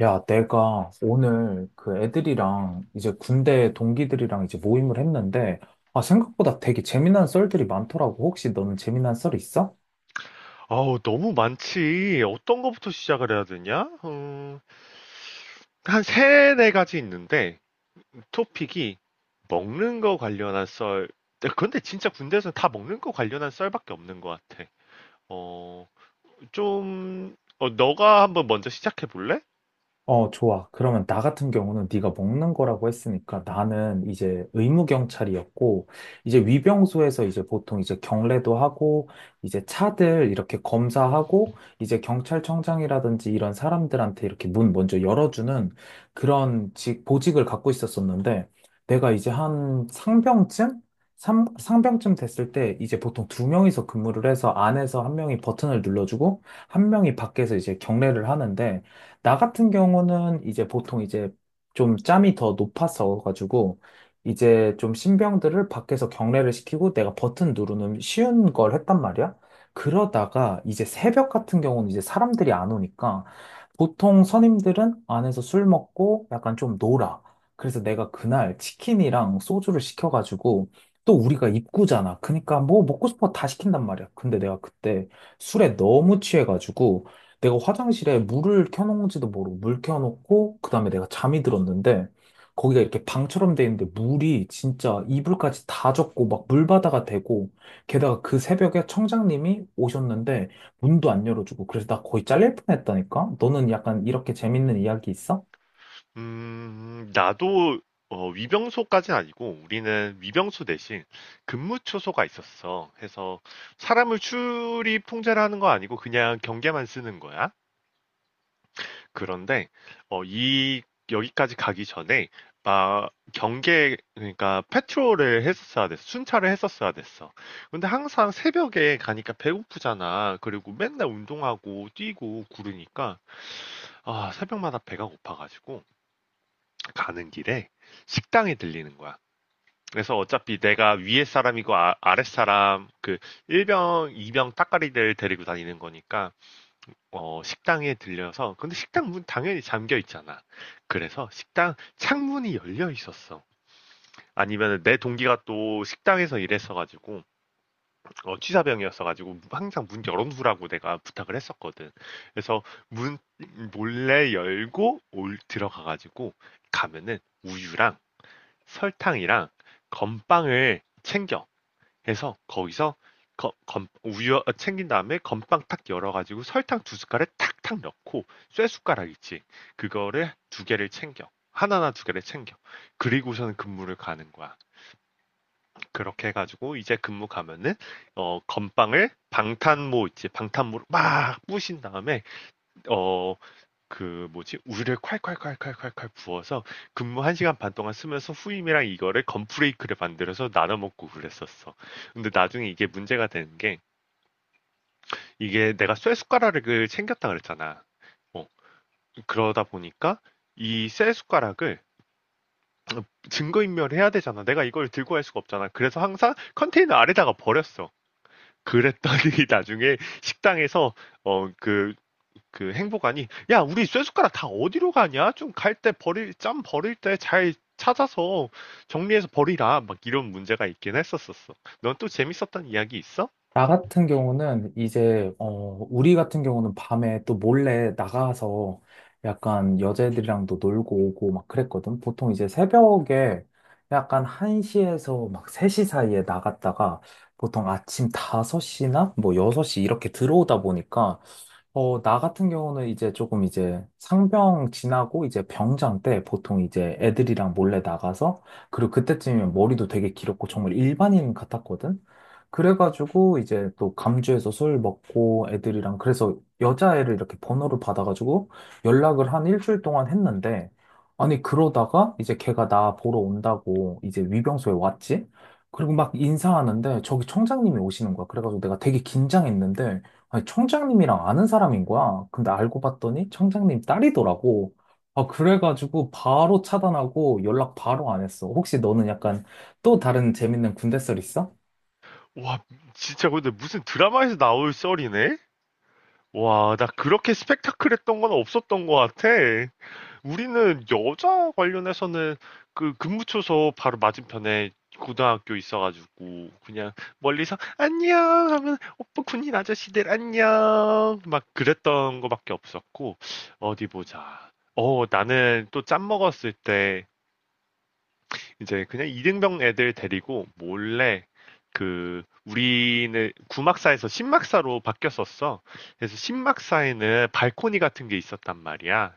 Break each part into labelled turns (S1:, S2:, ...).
S1: 야, 내가 오늘 그 애들이랑 이제 군대 동기들이랑 이제 모임을 했는데, 아, 생각보다 되게 재미난 썰들이 많더라고. 혹시 너는 재미난 썰 있어?
S2: 너무 많지. 어떤 거부터 시작을 해야 되냐? 한 세네 가지 있는데, 토픽이 먹는 거 관련한 썰. 근데 데 진짜 군대에서는 다 먹는 거 관련한 썰밖에 없는 것 같아. 어, 너가 한번 먼저 시작해 볼래?
S1: 어, 좋아. 그러면 나 같은 경우는 네가 먹는 거라고 했으니까, 나는 이제 의무 경찰이었고, 이제 위병소에서 이제 보통 이제 경례도 하고, 이제 차들 이렇게 검사하고, 이제 경찰청장이라든지 이런 사람들한테 이렇게 문 먼저 열어주는 그런 직 보직을 갖고 있었었는데, 내가 이제 한 상병쯤, 상병쯤 됐을 때, 이제 보통 2명이서 근무를 해서, 안에서 한 명이 버튼을 눌러주고 한 명이 밖에서 이제 경례를 하는데, 나 같은 경우는 이제 보통 이제 좀 짬이 더 높아서 가지고 이제 좀 신병들을 밖에서 경례를 시키고, 내가 버튼 누르는 쉬운 걸 했단 말이야. 그러다가 이제 새벽 같은 경우는 이제 사람들이 안 오니까 보통 선임들은 안에서 술 먹고 약간 좀 놀아. 그래서 내가 그날 치킨이랑 소주를 시켜가지고, 또 우리가 입구잖아. 그러니까 뭐 먹고 싶은 거 다 시킨단 말이야. 근데 내가 그때 술에 너무 취해가지고, 내가 화장실에 물을 켜놓은지도 모르고 물 켜놓고, 그다음에 내가 잠이 들었는데, 거기가 이렇게 방처럼 돼 있는데 물이 진짜 이불까지 다 젖고 막 물바다가 되고, 게다가 그 새벽에 청장님이 오셨는데 문도 안 열어주고, 그래서 나 거의 잘릴 뻔했다니까? 너는 약간 이렇게 재밌는 이야기 있어?
S2: 나도, 위병소까지는 아니고, 우리는 위병소 대신 근무초소가 있었어. 해서, 사람을 출입 통제를 하는 거 아니고, 그냥 경계만 쓰는 거야. 그런데 어, 이 여기까지 가기 전에 막 경계, 그러니까 패트롤을 했었어야 됐어. 순찰을 했었어야 됐어. 근데 항상 새벽에 가니까 배고프잖아. 그리고 맨날 운동하고 뛰고 구르니까 새벽마다 배가 고파 가지고 가는 길에 식당에 들리는 거야. 그래서 어차피 내가 위에 사람이고, 아랫 사람, 그 1병, 2병 따까리들 데리고 다니는 거니까, 식당에 들려서. 근데 식당 문 당연히 잠겨 있잖아. 그래서 식당 창문이 열려 있었어. 아니면 내 동기가 또 식당에서 일했어가지고, 취사병이었어가지고 항상 문 열어두라고 내가 부탁을 했었거든. 그래서 문 몰래 열고 올 들어가가지고 가면은 우유랑 설탕이랑 건빵을 챙겨. 해서 거기서 우유 챙긴 다음에 건빵 탁 열어가지고 설탕 두 숟갈에 탁탁 넣고, 쇠 숟가락 있지, 그거를 두 개를 챙겨 하나나 두 개를 챙겨. 그리고서는 근무를 가는 거야. 그렇게 해가지고 이제 근무 가면은 건빵을, 방탄모 있지, 방탄모로 막 부신 다음에 어 그 뭐지? 우유를 콸콸콸콸콸콸 부어서 근무 한 시간 반 동안 쓰면서 후임이랑 이거를 건프레이크를 만들어서 나눠 먹고 그랬었어. 근데 나중에 이게 문제가 되는 게, 이게 내가 쇠 숟가락을 챙겼다 그랬잖아. 어, 그러다 보니까 이 쇠 숟가락을 증거인멸해야 되잖아. 내가 이걸 들고 갈 수가 없잖아. 그래서 항상 컨테이너 아래다가 버렸어. 그랬더니 나중에 식당에서 어, 그 행복하니, 야 우리 쇠숟가락 다 어디로 가냐, 좀 갈 때 버릴, 짬 버릴 때 잘 찾아서 정리해서 버리라, 막 이런 문제가 있긴 했었었어. 넌 또 재밌었던 이야기 있어?
S1: 나 같은 경우는 이제 우리 같은 경우는 밤에 또 몰래 나가서 약간 여자애들이랑도 놀고 오고 막 그랬거든. 보통 이제 새벽에 약간 1시에서 막 3시 사이에 나갔다가 보통 아침 5시나 뭐 6시 이렇게 들어오다 보니까, 나 같은 경우는 이제 조금 이제 상병 지나고 이제 병장 때 보통 이제 애들이랑 몰래 나가서, 그리고 그때쯤이면 머리도 되게 길었고 정말 일반인 같았거든. 그래가지고 이제 또 감주에서 술 먹고 애들이랑, 그래서 여자애를 이렇게 번호를 받아가지고 연락을 한 일주일 동안 했는데, 아니 그러다가 이제 걔가 나 보러 온다고 이제 위병소에 왔지. 그리고 막 인사하는데 저기 청장님이 오시는 거야. 그래가지고 내가 되게 긴장했는데, 아니, 청장님이랑 아는 사람인 거야. 근데 알고 봤더니 청장님 딸이더라고. 아, 그래가지고 바로 차단하고 연락 바로 안 했어. 혹시 너는 약간 또 다른 재밌는 군대 썰 있어?
S2: 와, 진짜 근데 무슨 드라마에서 나올 썰이네. 와, 나 그렇게 스펙타클했던 건 없었던 것 같아. 우리는 여자 관련해서는 그 근무초소 바로 맞은편에 고등학교 있어가지고, 그냥 멀리서 안녕 하면 오빠, 군인 아저씨들 안녕 막 그랬던 거밖에 없었고. 어디 보자. 나는 또 짬 먹었을 때 이제 그냥 이등병 애들 데리고 몰래, 그 우리는 구막사에서 신막사로 바뀌었었어. 그래서 신막사에는 발코니 같은 게 있었단 말이야.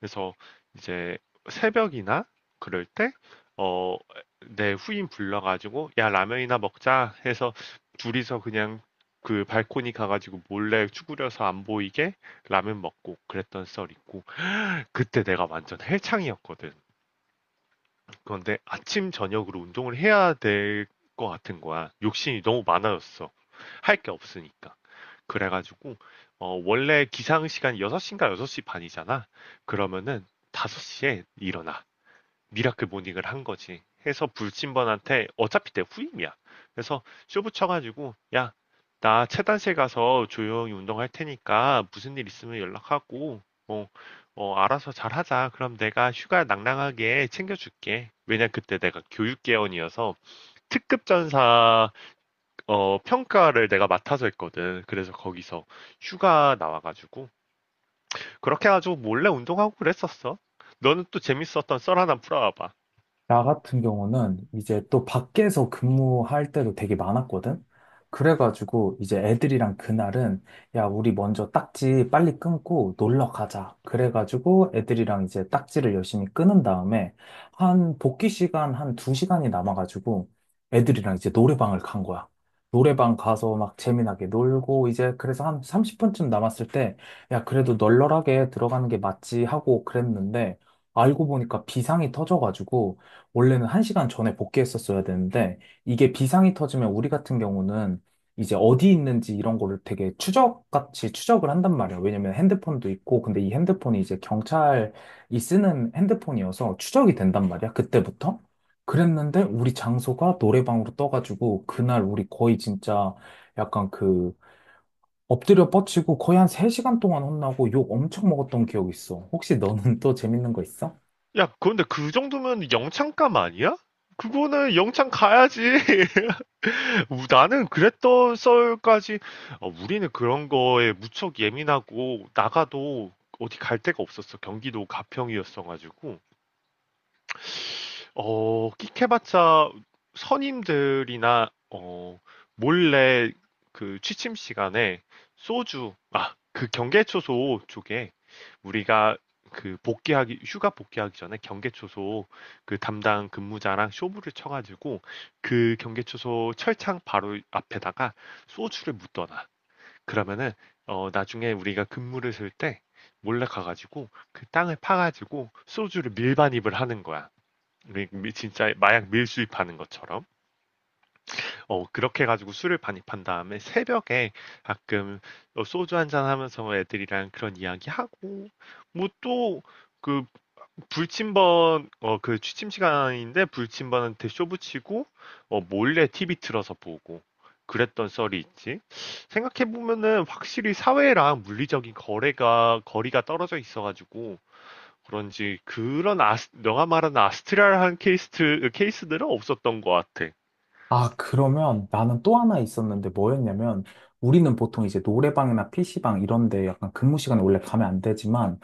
S2: 그래서 이제 새벽이나 그럴 때, 어, 내 후임 불러가지고, 야, 라면이나 먹자 해서 둘이서 그냥 그 발코니 가가지고 몰래 쭈그려서 안 보이게 라면 먹고 그랬던 썰 있고, 그때 내가 완전 헬창이었거든. 그런데 아침 저녁으로 운동을 해야 될 것 같은 거야. 욕심이 너무 많아졌어. 할 게 없으니까. 그래가지고 원래 기상 시간이 6시인가 6시 반이잖아. 그러면은 5시에 일어나. 미라클 모닝을 한 거지. 해서 불침번한테 어차피 내 후임이야. 그래서 쇼 붙여가지고, 야, 나 체단실 가서 조용히 운동할 테니까 무슨 일 있으면 연락하고, 어, 알아서 잘 하자. 그럼 내가 휴가 낭낭하게 챙겨줄게. 왜냐 그때 내가 교육개원이어서 특급 전사 평가를 내가 맡아서 했거든. 그래서 거기서 휴가 나와가지고 그렇게 해가지고 몰래 운동하고 그랬었어. 너는 또 재밌었던 썰 하나 풀어와봐.
S1: 나 같은 경우는 이제 또 밖에서 근무할 때도 되게 많았거든? 그래가지고 이제 애들이랑 그날은, 야, 우리 먼저 딱지 빨리 끊고 놀러 가자. 그래가지고 애들이랑 이제 딱지를 열심히 끊은 다음에, 한 복귀 시간 한 2시간이 남아가지고 애들이랑 이제 노래방을 간 거야. 노래방 가서 막 재미나게 놀고 이제, 그래서 한 30분쯤 남았을 때, 야, 그래도 널널하게 들어가는 게 맞지 하고 그랬는데, 알고 보니까 비상이 터져가지고. 원래는 1시간 전에 복귀했었어야 되는데, 이게 비상이 터지면 우리 같은 경우는 이제 어디 있는지 이런 거를 되게 추적같이 추적을 한단 말이야. 왜냐면 핸드폰도 있고, 근데 이 핸드폰이 이제 경찰이 쓰는 핸드폰이어서 추적이 된단 말이야, 그때부터. 그랬는데, 우리 장소가 노래방으로 떠가지고, 그날 우리 거의 진짜 약간 그, 엎드려 뻗치고 거의 한 3시간 동안 혼나고 욕 엄청 먹었던 기억이 있어. 혹시 너는 또 재밌는 거 있어?
S2: 야, 그런데 그 정도면 영창감 아니야? 그거는 영창 가야지. 나는 그랬던 썰까지, 우리는 그런 거에 무척 예민하고, 나가도 어디 갈 데가 없었어. 경기도 가평이었어가지고. 끽해봤자 선임들이나, 몰래 그 취침 시간에 소주, 아, 그 경계초소 쪽에 우리가 그 복귀하기, 휴가 복귀하기 전에 경계초소 그 담당 근무자랑 쇼부를 쳐가지고 그 경계초소 철창 바로 앞에다가 소주를 묻어놔. 그러면은 나중에 우리가 근무를 쓸 때 몰래 가가지고 그 땅을 파가지고 소주를 밀반입을 하는 거야. 진짜 마약 밀수입하는 것처럼, 그렇게 가지고 술을 반입한 다음에 새벽에 가끔 소주 한잔 하면서 애들이랑 그런 이야기 하고, 뭐 또 그 불침번, 그 취침 시간인데 불침번한테 쇼 붙이고 몰래 TV 틀어서 보고 그랬던 썰이 있지. 생각해 보면은 확실히 사회랑 물리적인 거래가, 거리가 떨어져 있어가지고 그런지, 그런 너가 말하는 아스트랄한 케이스들은 없었던 것 같아.
S1: 아, 그러면 나는 또 하나 있었는데, 뭐였냐면 우리는 보통 이제 노래방이나 PC방 이런 데 약간 근무 시간에 원래 가면 안 되지만,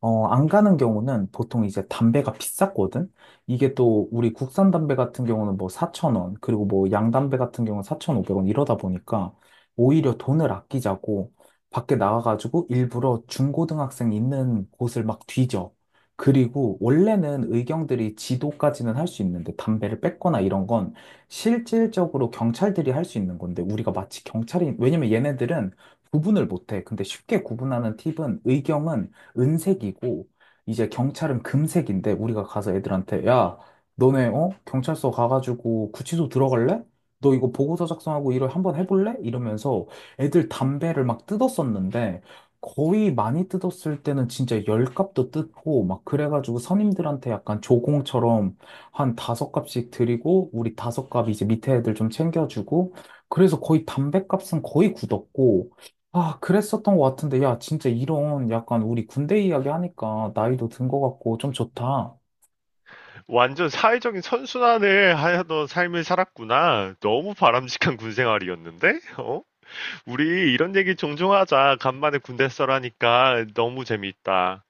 S1: 안 가는 경우는 보통 이제 담배가 비쌌거든? 이게 또 우리 국산 담배 같은 경우는 뭐 4,000원, 그리고 뭐 양담배 같은 경우는 4,500원, 이러다 보니까 오히려 돈을 아끼자고 밖에 나가가지고 일부러 중고등학생 있는 곳을 막 뒤져. 그리고 원래는 의경들이 지도까지는 할 수 있는데, 담배를 뺏거나 이런 건 실질적으로 경찰들이 할 수 있는 건데, 우리가 마치 경찰이, 왜냐면 얘네들은 구분을 못해. 근데 쉽게 구분하는 팁은, 의경은 은색이고 이제 경찰은 금색인데, 우리가 가서 애들한테, 야, 너네 경찰서 가가지고 구치소 들어갈래? 너 이거 보고서 작성하고 일을 한번 해볼래? 이러면서 애들 담배를 막 뜯었었는데, 거의 많이 뜯었을 때는 진짜 10갑도 뜯고 막, 그래가지고 선임들한테 약간 조공처럼 한 5갑씩 드리고, 우리 5갑 이제 밑에 애들 좀 챙겨주고, 그래서 거의 담배 값은 거의 굳었고. 아, 그랬었던 것 같은데, 야, 진짜 이런 약간 우리 군대 이야기 하니까 나이도 든 것 같고 좀 좋다.
S2: 완전 사회적인 선순환을 하던 삶을 살았구나. 너무 바람직한 군 생활이었는데? 어? 우리 이런 얘기 종종 하자. 간만에 군대 써라니까 너무 재미있다.